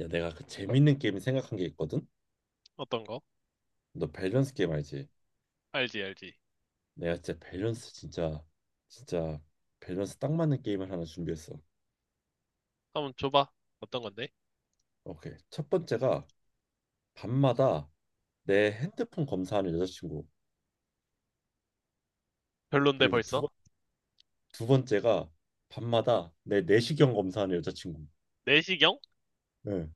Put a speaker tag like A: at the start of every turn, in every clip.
A: 야, 내가 그 재밌는 게임 생각한 게 있거든.
B: 어떤 거?
A: 너 밸런스 게임 알지?
B: 알지, 알지.
A: 내가 진짜 밸런스 진짜 진짜 밸런스 딱 맞는 게임을 하나 준비했어.
B: 한번 줘봐. 어떤 건데?
A: 오케이. 첫 번째가 밤마다 내 핸드폰 검사하는 여자친구.
B: 별론데
A: 그리고
B: 벌써?
A: 두 번째가 밤마다 내 내시경 검사하는 여자친구.
B: 내시경?
A: 예.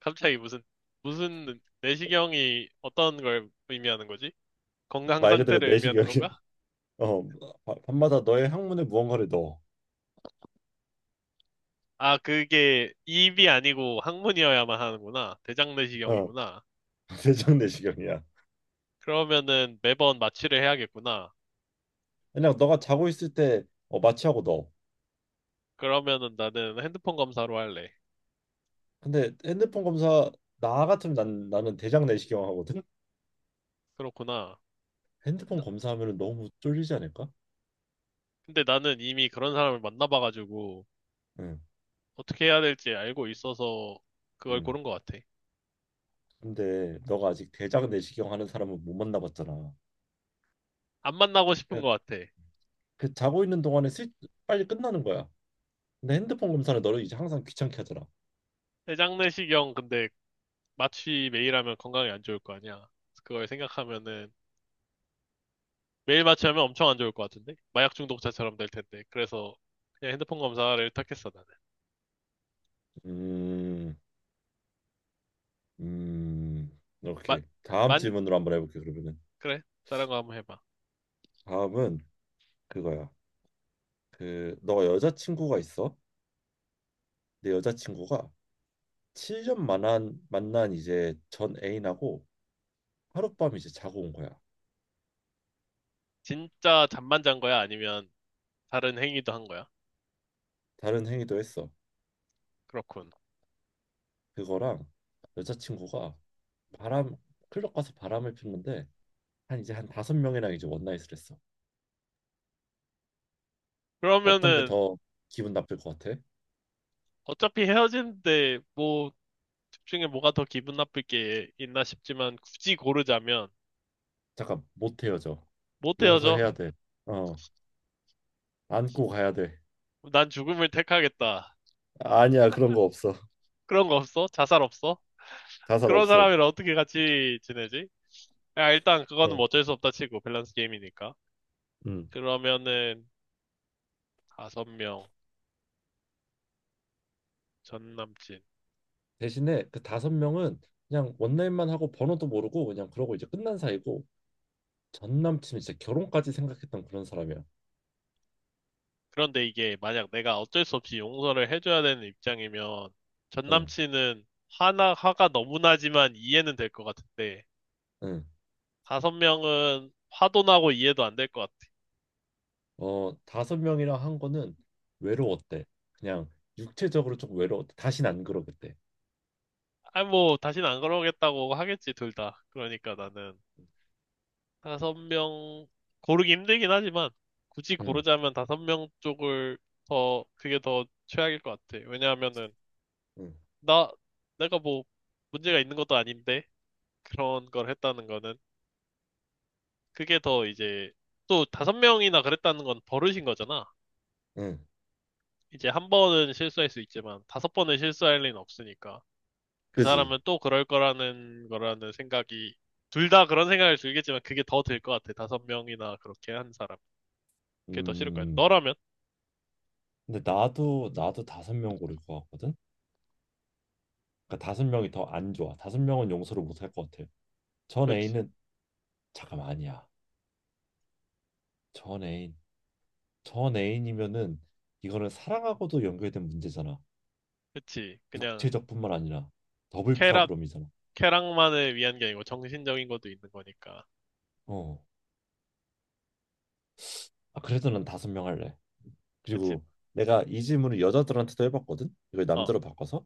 B: 갑자기 무슨, 내시경이 어떤 걸 의미하는 거지? 건강
A: 말 그대로
B: 상태를 의미하는
A: 내시경이야.
B: 건가?
A: 어, 밤마다 너의 항문에 무언가를 넣어.
B: 아, 그게 입이 아니고 항문이어야만 하는구나. 대장
A: 어,
B: 내시경이구나.
A: 대장 내시경이야.
B: 그러면은 매번 마취를 해야겠구나.
A: 그냥 너가 자고 있을 때 어, 마취하고 넣어.
B: 그러면은 나는 핸드폰 검사로 할래.
A: 근데 핸드폰 검사 나 같으면 난 나는 대장 내시경 하거든.
B: 그렇구나.
A: 핸드폰
B: 나-
A: 검사하면 너무 쫄리지 않을까?
B: 근데 나는 이미 그런 사람을 만나봐가지고
A: 응,
B: 어떻게 해야 될지 알고 있어서 그걸
A: 응.
B: 고른 것 같아.
A: 근데 너가 아직 대장 내시경 하는 사람은 못 만나봤잖아.
B: 안 만나고 싶은
A: 그냥
B: 것 같아.
A: 그 자고 있는 동안에 슬 빨리 끝나는 거야. 근데 핸드폰 검사는 너를 이제 항상 귀찮게 하잖아.
B: 내장내시경 근데 마취 매일 하면 건강에 안 좋을 거 아니야. 그래서 그걸 생각하면은 매일 마취하면 엄청 안 좋을 것 같은데? 마약 중독자처럼 될 텐데. 그래서 그냥 핸드폰 검사를 택했어 나는.
A: 음, 음,
B: 마,
A: 오케이. 다음
B: 만,
A: 질문으로 한번 해볼게. 그러면은
B: 그래. 다른 거 한번 해봐.
A: 다음은 그거야. 그 너가 여자친구가 있어? 내 여자친구가 7년 만난 이제 전 애인하고 하룻밤 이제 자고 온 거야.
B: 진짜 잠만 잔 거야? 아니면 다른 행위도 한 거야?
A: 다른 행위도 했어.
B: 그렇군.
A: 그거랑 여자친구가 바람 클럽 가서 바람을 피는데 한 5명이랑 이제 원나잇을 했어. 어떤 게
B: 그러면은
A: 더 기분 나쁠 것 같아?
B: 어차피 헤어지는데 뭐 집중에 뭐가 더 기분 나쁠 게 있나 싶지만 굳이 고르자면
A: 잠깐 못 헤어져.
B: 못 헤어져.
A: 용서해야 돼. 어, 안고 가야 돼.
B: 난 죽음을 택하겠다.
A: 아니야, 그런 거 없어.
B: 그런 거 없어? 자살 없어?
A: 자살
B: 그런
A: 없어.
B: 사람이랑 어떻게 같이 지내지? 야, 일단 그거는
A: 어,
B: 뭐 어쩔 수 없다 치고, 밸런스 게임이니까.
A: 음.
B: 그러면은, 5명, 전 남친.
A: 대신에 그 5명은 그냥 원나잇만 하고 번호도 모르고 그냥 그러고 이제 끝난 사이고, 전 남친 이제 결혼까지 생각했던 그런 사람이야.
B: 그런데 이게 만약 내가 어쩔 수 없이 용서를 해줘야 되는 입장이면, 전
A: 응,
B: 남친은 화가 너무 나지만 이해는 될 것 같은데,
A: 응.
B: 5명은 화도 나고 이해도 안 될 것 같아.
A: 어, 5명이랑 한 거는 외로웠대. 그냥 육체적으로 조금 외로웠대. 다신 안 그러겠대.
B: 아, 뭐, 다시는 안 그러겠다고 하겠지, 둘 다. 그러니까 나는 5명 고르기 힘들긴 하지만 굳이
A: 응,
B: 고르자면 5명 쪽을 더 그게 더 최악일 것 같아. 왜냐하면은
A: 응,
B: 나 내가 뭐 문제가 있는 것도 아닌데 그런 걸 했다는 거는 그게 더 이제 또 5명이나 그랬다는 건 버릇인 거잖아.
A: 응.
B: 이제 한 번은 실수할 수 있지만 5번은 실수할 리는 없으니까 그
A: 그지?
B: 사람은 또 그럴 거라는 생각이 둘 다 그런 생각을 들겠지만 그게 더 들 것 같아. 5명이나 그렇게 한 사람. 그게 더 싫을 거야.
A: 음.
B: 너라면?
A: 근데 나도 5명 고를 것 같거든. 그러니까 5명이 더 안 좋아. 5명은 용서를 못 할 것 같아. 전
B: 그렇지.
A: 애인은 잠깐만 아니야. 전 애인, 전 애인이면은 이거는 사랑하고도 연결된 문제잖아.
B: 그치. 그냥
A: 육체적뿐만 아니라 더블
B: 쾌락,
A: 프라브롬이잖아.
B: 쾌락만을 위한 게 아니고 정신적인 것도 있는 거니까.
A: 어, 아, 그래도 난 5명 할래.
B: 그치.
A: 그리고 내가 이 질문을 여자들한테도 해봤거든. 이걸
B: 어,
A: 남자로 바꿔서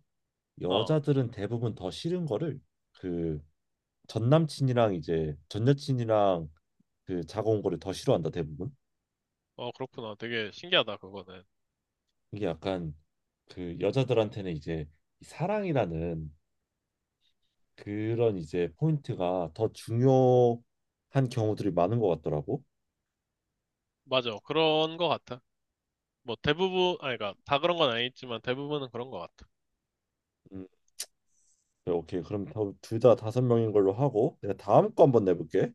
B: 어,
A: 여자들은 대부분 더 싫은 거를, 그 전 남친이랑 이제 전 여친이랑 그 자고 온 거를 더 싫어한다, 대부분.
B: 어, 그렇구나. 되게 신기하다, 그거는.
A: 이게 약간 그 여자들한테는 이제 이 사랑이라는 그런 이제 포인트가 더 중요한 경우들이 많은 것 같더라고.
B: 맞아. 그런 거 같아. 뭐 대부분, 아니, 그니까 다 그런 건 아니지만 대부분은 그런 거 같아.
A: 음, 네, 오케이. 그럼 둘 다 5명인 걸로 하고 내가 다음 거 한번 내볼게.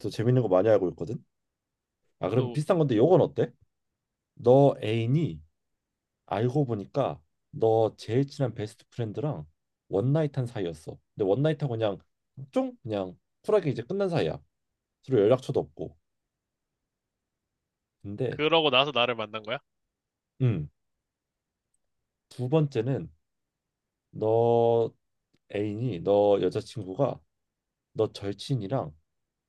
A: 또 재밌는 거 많이 알고 있거든. 아, 그럼
B: 또,
A: 비슷한 건데 요건 어때? 너 애인이 알고 보니까 너 제일 친한 베스트 프렌드랑 원나잇한 사이였어. 근데 원나잇하고 그냥 쫑 그냥 쿨하게 이제 끝난 사이야. 서로 연락처도 없고. 근데
B: 그러고 나서 나를 만난 거야?
A: 음, 두 번째는 너 애인이 너 여자친구가 너 절친이랑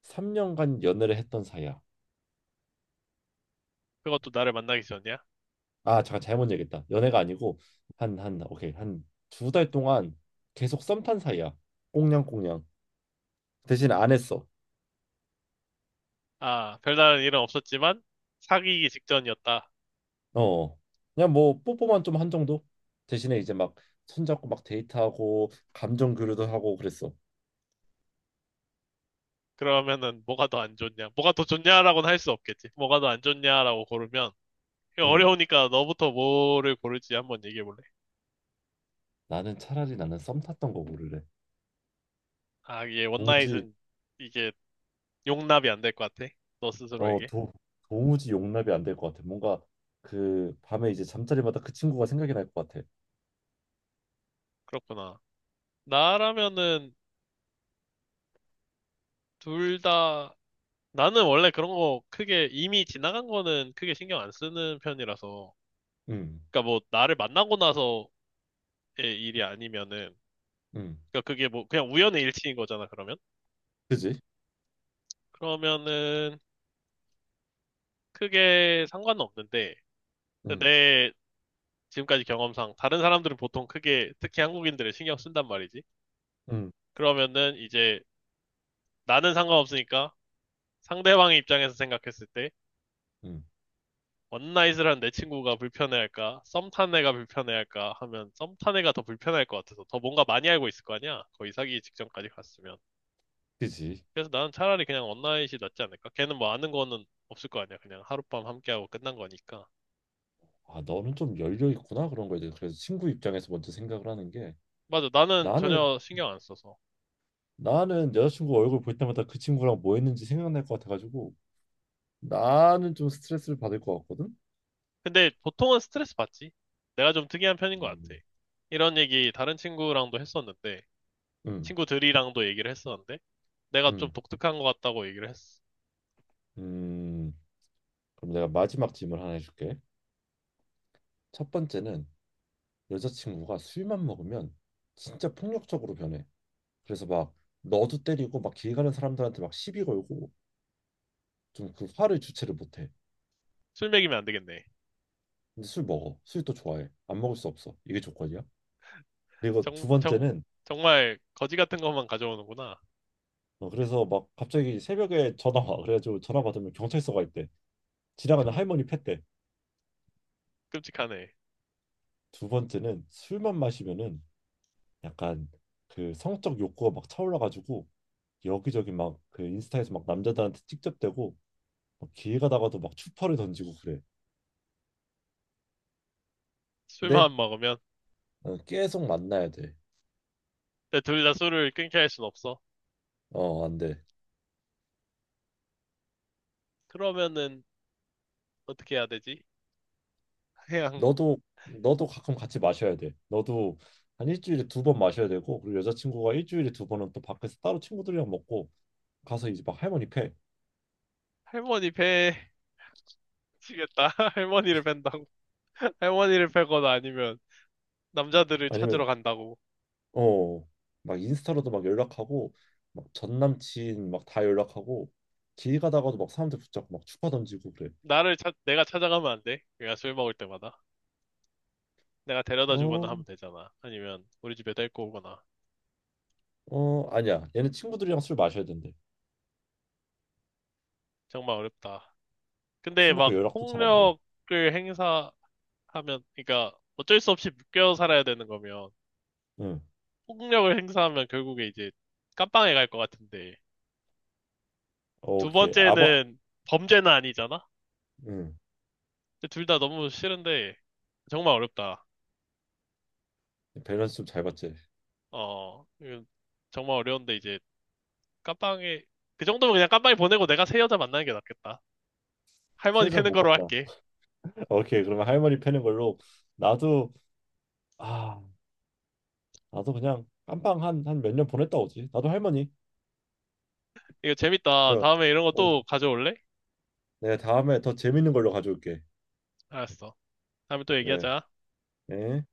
A: 3년간 연애를 했던 사이야.
B: 그것도 나를 만나기 전이야?
A: 아, 잠깐 잘못 얘기했다. 연애가 아니고 한 2달 동안 계속 썸 탄 사이야. 꽁냥꽁냥. 대신 안 했어.
B: 아, 별다른 일은 없었지만 사귀기 직전이었다.
A: 어, 그냥 뭐 뽀뽀만 좀 한 정도. 대신에 이제 막 손잡고 막 데이트하고 감정 교류도 하고 그랬어.
B: 그러면은 뭐가 더 안 좋냐? 뭐가 더 좋냐라고는 할 수 없겠지. 뭐가 더 안 좋냐라고 고르면 이거
A: 응.
B: 어려우니까 너부터 뭐를 고를지 한번 얘기해 볼래?
A: 나는 차라리 나는 썸 탔던 거 고를래.
B: 아, 이게
A: 도무지
B: 원나잇은 이게 용납이 안 될 것 같아. 너
A: 어,
B: 스스로에게.
A: 도무지 용납이 안 될 것 같아. 뭔가 그 밤에 이제 잠자리마다 그 친구가 생각이 날 것 같아.
B: 그렇구나. 나라면은 둘 다, 나는 원래 그런 거 크게 이미 지나간 거는 크게 신경 안 쓰는 편이라서.
A: 응,
B: 그러니까 뭐 나를 만나고 나서의 일이 아니면은,
A: 응,
B: 그러니까 그게 뭐 그냥 우연의 일치인 거잖아, 그러면.
A: 그지?
B: 그러면은 크게 상관은 없는데,
A: 응,
B: 내 지금까지 경험상 다른 사람들은 보통 크게 특히 한국인들을 신경 쓴단 말이지.
A: 응,
B: 그러면은 이제 나는 상관없으니까 상대방의 입장에서 생각했을 때
A: 응,
B: 원나잇을 한 내 친구가 불편해할까, 썸탄 애가 불편해할까 하면 썸탄 애가 더 불편할 것 같아서 더 뭔가 많이 알고 있을 거 아니야? 거의 사귀기 직전까지 갔으면.
A: 그지.
B: 그래서 나는 차라리 그냥 원나잇이 낫지 않을까? 걔는 뭐 아는 거는 없을 거 아니야. 그냥 하룻밤 함께하고 끝난 거니까.
A: 아, 너는 좀 열려 있구나, 그런 거에 대해서. 그래서 친구 입장에서 먼저 생각을 하는 게
B: 맞아, 나는
A: 나는
B: 전혀 신경 안 써서.
A: 나는 여자친구 얼굴 볼 때마다 그 친구랑 뭐 했는지 생각날 것 같아가지고 나는 좀 스트레스를 받을 것 같거든.
B: 근데 보통은 스트레스 받지. 내가 좀 특이한 편인 것
A: 음.
B: 같아. 이런 얘기 다른 친구랑도 했었는데,
A: 음.
B: 친구들이랑도 얘기를 했었는데, 내가 좀
A: 음.
B: 독특한 것 같다고 얘기를 했어.
A: 음. 그럼 내가 마지막 질문 하나 해줄게. 첫 번째는 여자친구가 술만 먹으면 진짜 폭력적으로 변해. 그래서 막 너도 때리고 막 길 가는 사람들한테 막 시비 걸고 좀 그 화를 주체를 못해.
B: 술 먹이면 안 되겠네.
A: 근데 술 먹어. 술 또 좋아해. 안 먹을 수 없어. 이게 조건이야. 그리고 두
B: 정, 정,
A: 번째는
B: 정말 거지 같은 것만 가져오는구나.
A: 어, 그래서 막 갑자기 새벽에 전화 와. 그래가지고 전화 받으면 경찰서가 있대. 지나가는
B: 형,
A: 할머니 팻대.
B: 끔찍하네.
A: 두 번째는 술만 마시면은 약간 그 성적 욕구가 막 차올라가지고 여기저기 막 그 인스타에서 막 남자들한테 직접대고 막 길 가다가도 막 추파를 던지고 그래. 근데
B: 술만 먹으면.
A: 어, 계속 만나야 돼.
B: 근데 둘 다 술을 끊게 할 순 없어.
A: 어, 안 돼.
B: 그러면은 어떻게 해야 되지? 그냥
A: 너도 너도 가끔 같이 마셔야 돼. 너도 한 일주일에 2번 마셔야 되고, 그리고 여자친구가 일주일에 2번은 또 밖에서 따로 친구들이랑 먹고 가서 이제 막 할머니 패.
B: 할머니 배 치겠다. 할머니를 뺀다고. 할머니를 빼거나 아니면 남자들을 찾으러
A: 아니면
B: 간다고.
A: 어, 막 인스타로도 막 연락하고 막 전 남친 막 다 연락하고 길 가다가도 막 사람들 붙잡고 막 추파 던지고 그래.
B: 내가 찾아가면 안 돼. 그냥 술 먹을 때마다. 내가 데려다 주거나
A: 어,
B: 하면 되잖아. 아니면 우리 집에 데리고 오거나.
A: 어, 아니야. 얘는 친구들이랑 술 마셔야 된대.
B: 정말 어렵다. 근데
A: 술 먹고
B: 막
A: 연락도 잘 안 돼.
B: 폭력을 행사, 하면, 그러니까 어쩔 수 없이 묶여 살아야 되는 거면
A: 응.
B: 폭력을 행사하면 결국에 이제 깜빵에 갈 것 같은데
A: 어,
B: 두
A: 오케이.
B: 번째는 범죄는 아니잖아?
A: 응.
B: 둘 다 너무 싫은데 정말 어렵다.
A: 밸런스 좀 잘 봤지.
B: 어, 이건 정말 어려운데 이제 깜빵에 그 정도면 그냥 깜빵에 보내고 내가 새 여자 만나는 게 낫겠다.
A: 세
B: 할머니
A: 자
B: 패는
A: 못
B: 거로
A: 봤나?
B: 할게.
A: 오케이. 그러면 할머니 패는 걸로 나도. 아, 나도 그냥 깜빵 한 몇 년 보냈다 오지. 나도 할머니.
B: 이거 재밌다.
A: 네.
B: 다음에 이런 거
A: 어,
B: 또 가져올래?
A: 내가 다음에 더 재밌는 걸로 가져올게.
B: 알았어. 다음에 또
A: 네.
B: 얘기하자.
A: 네.